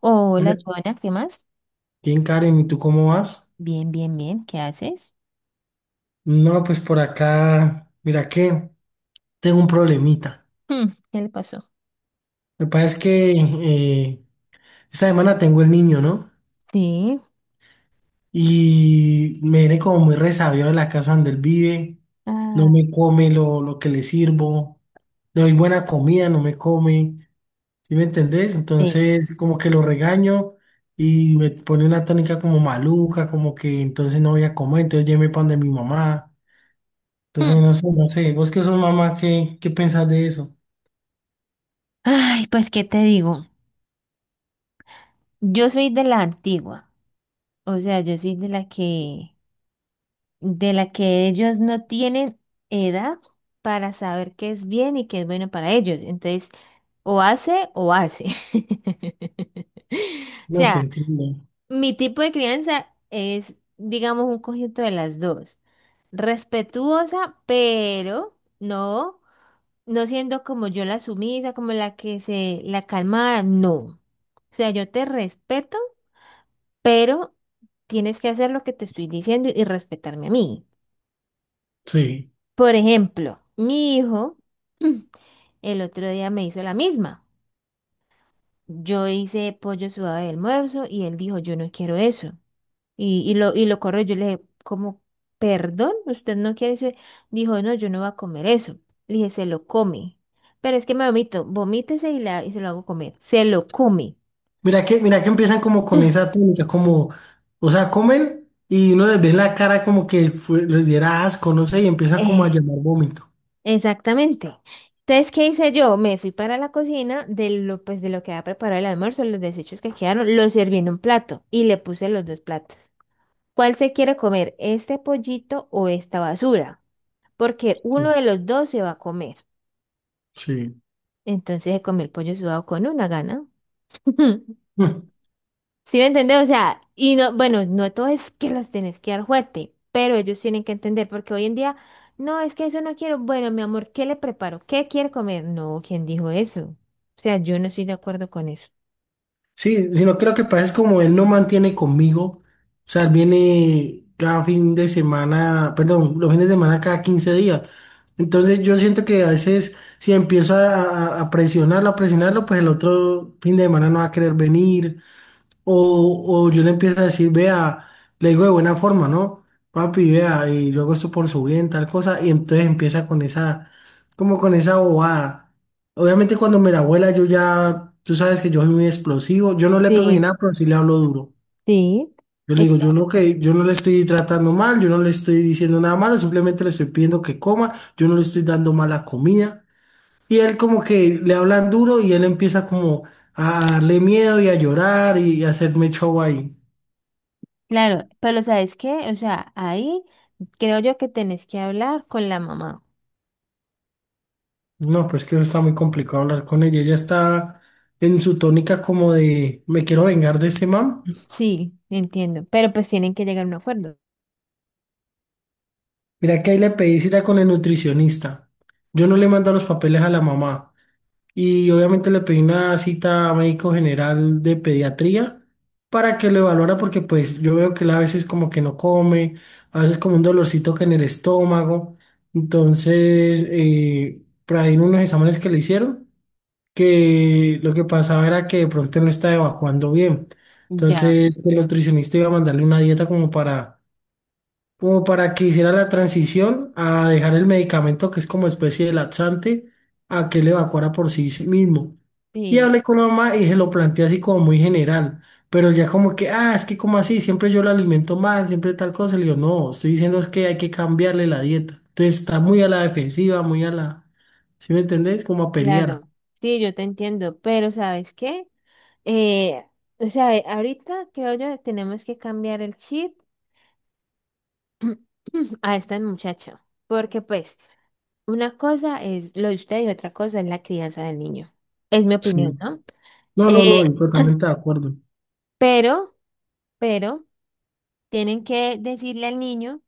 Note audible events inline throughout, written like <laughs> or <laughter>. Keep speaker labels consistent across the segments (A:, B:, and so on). A: Hola,
B: Hola,
A: Joana, ¿qué más?
B: bien, Karen, ¿y tú cómo vas?
A: Bien, bien, bien, ¿qué haces?
B: No, pues por acá, mira que tengo un problemita.
A: ¿Qué le pasó?
B: Lo que pasa es que esta semana tengo el niño, ¿no?
A: Sí.
B: Y me viene como muy resabiado de la casa donde él vive. No
A: Ah,
B: me come lo que le sirvo. Le doy buena comida, no me come. ¿Sí me entendés?
A: sí.
B: Entonces, como que lo regaño y me pone una tónica como maluca, como que entonces no voy a comer, entonces ya pan de mi mamá.
A: Hmm,
B: Entonces, no sé, vos que sos mamá, ¿qué pensás de eso?
A: Ay, pues, ¿qué te digo? Yo soy de la antigua, o sea, yo soy de la que ellos no tienen edad para saber qué es bien y qué es bueno para ellos. Entonces, o hace o hace. <laughs> O
B: No te
A: sea,
B: entiendo.
A: mi tipo de crianza es, digamos, un conjunto de las dos. Respetuosa, pero no, no siendo como yo la sumisa, como la que se, la calmada, no. O sea, yo te respeto, pero tienes que hacer lo que te estoy diciendo y respetarme a mí.
B: Sí.
A: Por ejemplo, mi hijo <clears throat> el otro día me hizo la misma. Yo hice pollo sudado de almuerzo y él dijo, yo no quiero eso. Y lo corrió. Yo le dije, ¿cómo? ¿Perdón? ¿Usted no quiere eso? Dijo, no, yo no voy a comer eso. Le dije, se lo come. Pero es que me vomito. Vomítese y, la, y se lo hago comer. Se lo come.
B: Mira que empiezan como con esa técnica, como, o sea, comen y uno les ve la cara como que les diera asco, no sé, y empieza como a
A: Eh,
B: llamar vómito.
A: Exactamente. Entonces, ¿qué hice yo? Me fui para la cocina de lo, pues, de lo que había preparado el almuerzo, los desechos que quedaron, los serví en un plato y le puse los dos platos. ¿Cuál se quiere comer? ¿Este pollito o esta basura? Porque uno
B: Sí.
A: de los dos se va a comer.
B: Sí.
A: Entonces se comió el pollo sudado con una gana. <laughs>
B: <laughs>
A: ¿Sí me entiendes? O sea, y no, bueno, no todo es que los tenés que dar fuerte, pero ellos tienen que entender, porque hoy en día, no, es que eso no quiero. Bueno, mi amor, ¿qué le preparo? ¿Qué quiere comer? No, ¿quién dijo eso? O sea, yo no estoy de acuerdo con eso.
B: Sí, sino creo que pasa es como él no mantiene conmigo, o sea, él viene cada fin de semana, perdón, los fines de semana cada 15 días. Entonces yo siento que a veces si empiezo a presionarlo, a presionarlo, pues el otro fin de semana no va a querer venir, o yo le empiezo a decir, vea, le digo de buena forma, ¿no? Papi, vea, y yo hago esto por su bien, tal cosa, y entonces empieza con esa, como con esa bobada. Obviamente cuando me la abuela, yo ya, tú sabes que yo soy muy explosivo, yo no le pego ni
A: Sí,
B: nada, pero sí le hablo duro.
A: sí,
B: Yo le
A: es
B: digo,
A: que,
B: yo no le estoy tratando mal, yo no le estoy diciendo nada malo, simplemente le estoy pidiendo que coma, yo no le estoy dando mala comida. Y él como que le hablan duro y él empieza como a darle miedo y a llorar y a hacerme show ahí.
A: claro, pero ¿sabes qué? O sea, ahí creo yo que tenés que hablar con la mamá.
B: No, pues que eso está muy complicado hablar con ella. Ella está en su tónica como de me quiero vengar de ese man.
A: <laughs> Sí, entiendo, pero pues tienen que llegar a un acuerdo.
B: Mira que ahí le pedí cita con el nutricionista. Yo no le mando los papeles a la mamá. Y obviamente le pedí una cita a médico general de pediatría para que lo evaluara porque pues yo veo que él a veces como que no come, a veces como un dolorcito que en el estómago. Entonces, por ahí en unos exámenes que le hicieron, que lo que pasaba era que de pronto no estaba evacuando bien.
A: Ya,
B: Entonces el nutricionista iba a mandarle una dieta como para, como para que hiciera la transición a dejar el medicamento que es como especie de laxante a que él evacuara por sí mismo. Y
A: sí,
B: hablé con la mamá y se lo planteé así como muy general, pero ya como que, ah, es que como así, siempre yo lo alimento mal, siempre tal cosa. Le digo, no, estoy diciendo es que hay que cambiarle la dieta. Entonces está muy a la defensiva, muy a la, ¿sí me entendés? Como a pelear.
A: claro, sí, yo te entiendo, pero ¿sabes qué? Eh, o sea, ahorita creo yo tenemos que cambiar el chip <clears throat> a esta muchacha, porque pues una cosa es lo de usted y otra cosa es la crianza del niño. Es mi opinión, ¿no?
B: No, no, no,
A: Eh,
B: y totalmente de acuerdo.
A: pero, pero tienen que decirle al niño,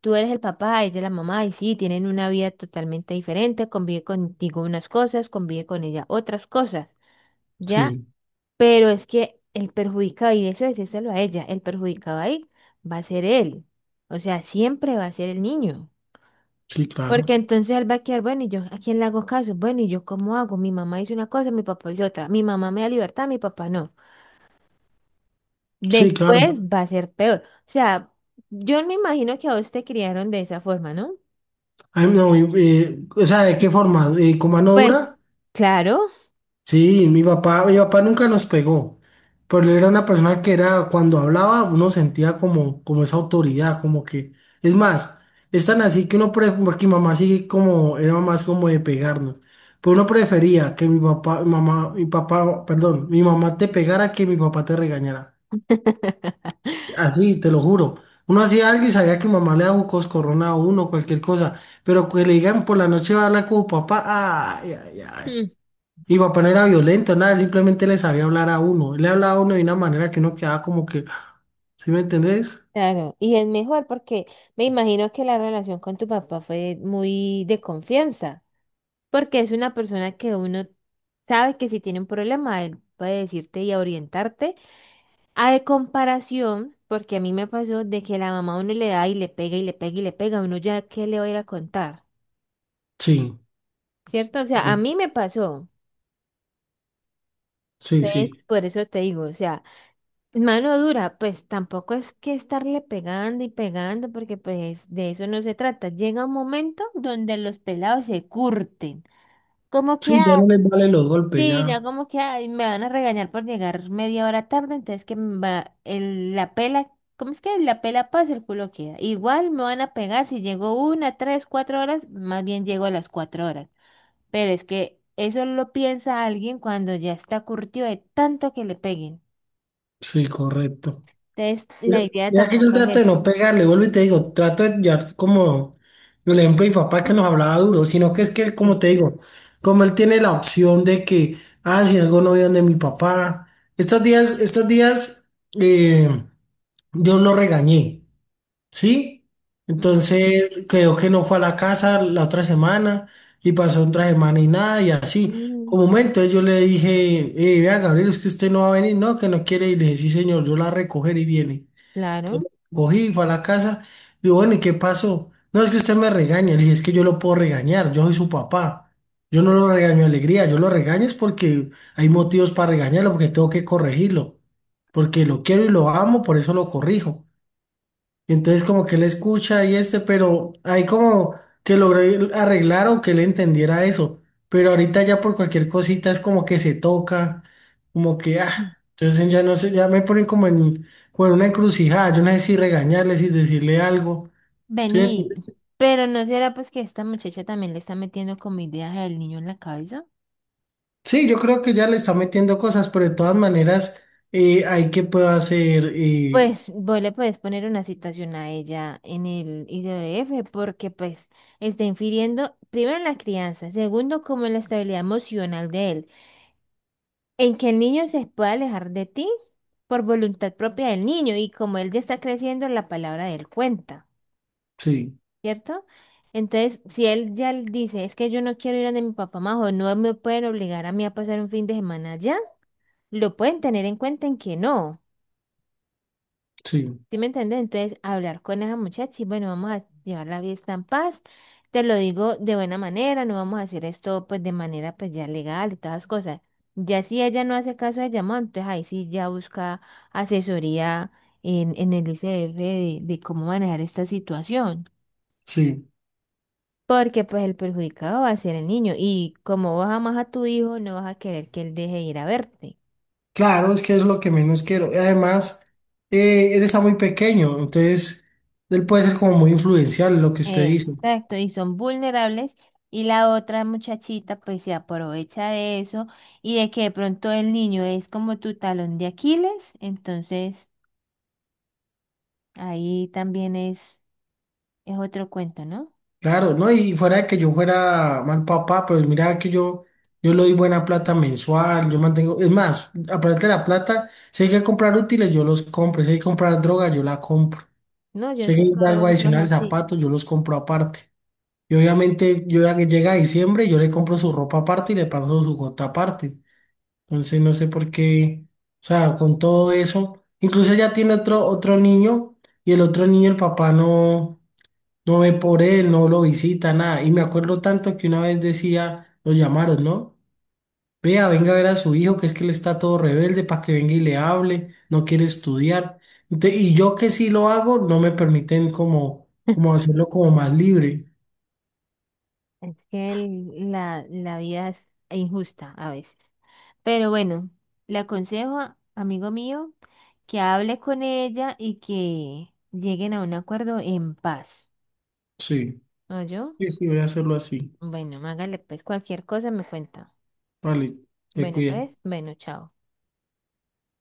A: tú eres el papá, ella es la mamá, y sí, tienen una vida totalmente diferente, convive contigo unas cosas, convive con ella otras cosas. Ya
B: Sí,
A: pero es que el perjudicado, y eso decírselo a ella, el perjudicado ahí va a ser él. O sea, siempre va a ser el niño.
B: sí,
A: Porque
B: claro.
A: entonces él va a quedar, bueno, ¿y yo a quién le hago caso? Bueno, ¿y yo cómo hago? Mi mamá hizo una cosa, mi papá hizo otra. Mi mamá me da libertad, mi papá no.
B: Sí, claro.
A: Después va a ser peor. O sea, yo me imagino que a vos te criaron de esa forma, ¿no?
B: Ay, no, o sea, ¿de qué forma? ¿Con mano
A: Pues,
B: dura?
A: claro.
B: Sí, mi papá nunca nos pegó, pero él era una persona que era, cuando hablaba, uno sentía como, como esa autoridad, como que, es más, es tan así que uno, porque mi mamá sí como, era más como de pegarnos, pero uno prefería que mi papá, mamá, mi papá, perdón, mi mamá te pegara que mi papá te regañara. Así, te lo juro. Uno hacía algo y sabía que mamá le daba un coscorrón a uno, cualquier cosa. Pero que le digan por la noche va a hablar con papá, ay, ay, ay.
A: Mm.
B: Y papá no era violento, nada, él simplemente le sabía hablar a uno. Él le hablaba a uno de una manera que uno quedaba como que, ¿sí me entendés?
A: Claro, y es mejor porque me imagino que la relación con tu papá fue muy de confianza. Porque es una persona que uno sabe que si tiene un problema, él puede decirte y orientarte. A de comparación, porque a mí me pasó de que la mamá a uno le da y le pega y le pega y le pega, uno ya qué le va a ir a contar,
B: Sí,
A: ¿cierto? O sea, a mí me pasó.
B: sí,
A: Entonces,
B: sí.
A: por eso te digo, o sea, mano dura, pues tampoco es que estarle pegando y pegando, porque pues de eso no se trata. Llega un momento donde los pelados se curten. Como que
B: Sí, ya no les vale los golpes,
A: sí, ya
B: ya.
A: como que ay, me van a regañar por llegar media hora tarde, entonces que me va el, la pela, ¿cómo es que la pela pasa, el culo queda? Igual me van a pegar si llego una, tres, cuatro horas, más bien llego a las cuatro horas. Pero es que eso lo piensa alguien cuando ya está curtido de tanto que le peguen.
B: Sí, correcto.
A: Entonces,
B: Yo-
A: la idea
B: Ya que yo
A: tampoco es
B: trato de
A: esa.
B: no pegarle, vuelvo y te digo, trato de llevar como el ejemplo de mi papá que nos hablaba duro, sino que es que, como
A: Sí.
B: te digo, como él tiene la opción de que, ah, si algo no veo de mi papá, estos días, eh, yo lo regañé, ¿sí?
A: Ujú.
B: Entonces, creo que no fue a la casa la otra semana y pasó otra semana y nada, y así.
A: Mm,
B: Como momento yo le dije, vea, Gabriel, es que usted no va a venir, no, que no quiere, y le dije, sí, señor, yo la recogeré y viene.
A: claro.
B: Entonces cogí, fue a la casa, digo, bueno, ¿y qué pasó? No, es que usted me regaña, le dije, es que yo lo puedo regañar, yo soy su papá. Yo no lo regaño de alegría, yo lo regaño es porque hay motivos para regañarlo, porque tengo que corregirlo, porque lo quiero y lo amo, por eso lo corrijo. Y entonces como que él escucha y este, pero hay como que logré arreglar o que él entendiera eso. Pero ahorita ya por cualquier cosita es como que se toca, como que, ah,
A: Mm.
B: entonces ya no sé, ya me ponen como en, como en una encrucijada, yo no sé si regañarle, si decirle algo. ¿Sí, me
A: Vení,
B: entiendes?
A: pero ¿no será pues que esta muchacha también le está metiendo como ideas al niño en la cabeza?
B: Sí, yo creo que ya le está metiendo cosas, pero de todas maneras hay que puedo hacer,
A: Pues vos le puedes poner una citación a ella en el IDF porque pues está infiriendo primero en la crianza, segundo como en la estabilidad emocional de él, en que el niño se pueda alejar de ti por voluntad propia del niño y como él ya está creciendo la palabra de él cuenta,
B: sí,
A: ¿cierto? Entonces, si él ya l- dice, es que yo no quiero ir donde mi papá más o no me pueden obligar a mí a pasar un fin de semana allá, lo pueden tener en cuenta en que no.
B: sí,
A: ¿Sí me entiendes? Entonces, hablar con esa muchacha y bueno, vamos a llevar la fiesta en paz. Te lo digo de buena manera, no vamos a hacer esto pues de manera pues ya legal y todas las cosas. Ya si ella no hace caso de llamado, entonces ahí sí ya busca asesoría en el ICF de cómo manejar esta situación.
B: sí.
A: Porque pues el perjudicado va a ser el niño y como vos amas a tu hijo, no vas a querer que él deje de ir a verte.
B: Claro, es que es lo que menos quiero. Y además, él está muy pequeño, entonces él puede ser como muy influencial en lo que usted dice.
A: Exacto, y son vulnerables y la otra muchachita pues se aprovecha de eso y de que de pronto el niño es como tu talón de Aquiles, entonces ahí también es otro cuento, ¿no?
B: Claro, ¿no? Y fuera de que yo fuera mal papá, pues yo le doy buena plata mensual, yo mantengo, es más, aparte de la plata, si hay que comprar útiles, yo los compro, si hay que comprar droga, yo la compro,
A: No, yo
B: si hay
A: sé
B: que
A: que
B: comprar algo
A: vos sos
B: adicional,
A: así.
B: zapatos, yo los compro aparte. Y obviamente yo ya que llega diciembre, yo le compro su ropa aparte y le pago su gota aparte. Entonces no sé por qué, o sea, con todo eso, incluso ella tiene otro niño y el otro niño el papá no, no ve por él, no lo visita, nada. Y me acuerdo tanto que una vez decía, lo llamaron, ¿no? Vea, venga a ver a su hijo, que es que él está todo rebelde para que venga y le hable, no quiere estudiar. Y yo que sí lo hago, no me permiten como, como
A: <laughs>
B: hacerlo como más libre.
A: Es que el- la vida es injusta a veces. Pero bueno, le aconsejo, amigo mío, que hable con ella y que lleguen a un acuerdo en paz.
B: Sí,
A: ¿No yo?
B: sí, sí, voy a hacerlo así.
A: Bueno, hágale, pues cualquier cosa me cuenta.
B: Vale, te
A: Bueno, pues,
B: cuidas.
A: bueno, chao.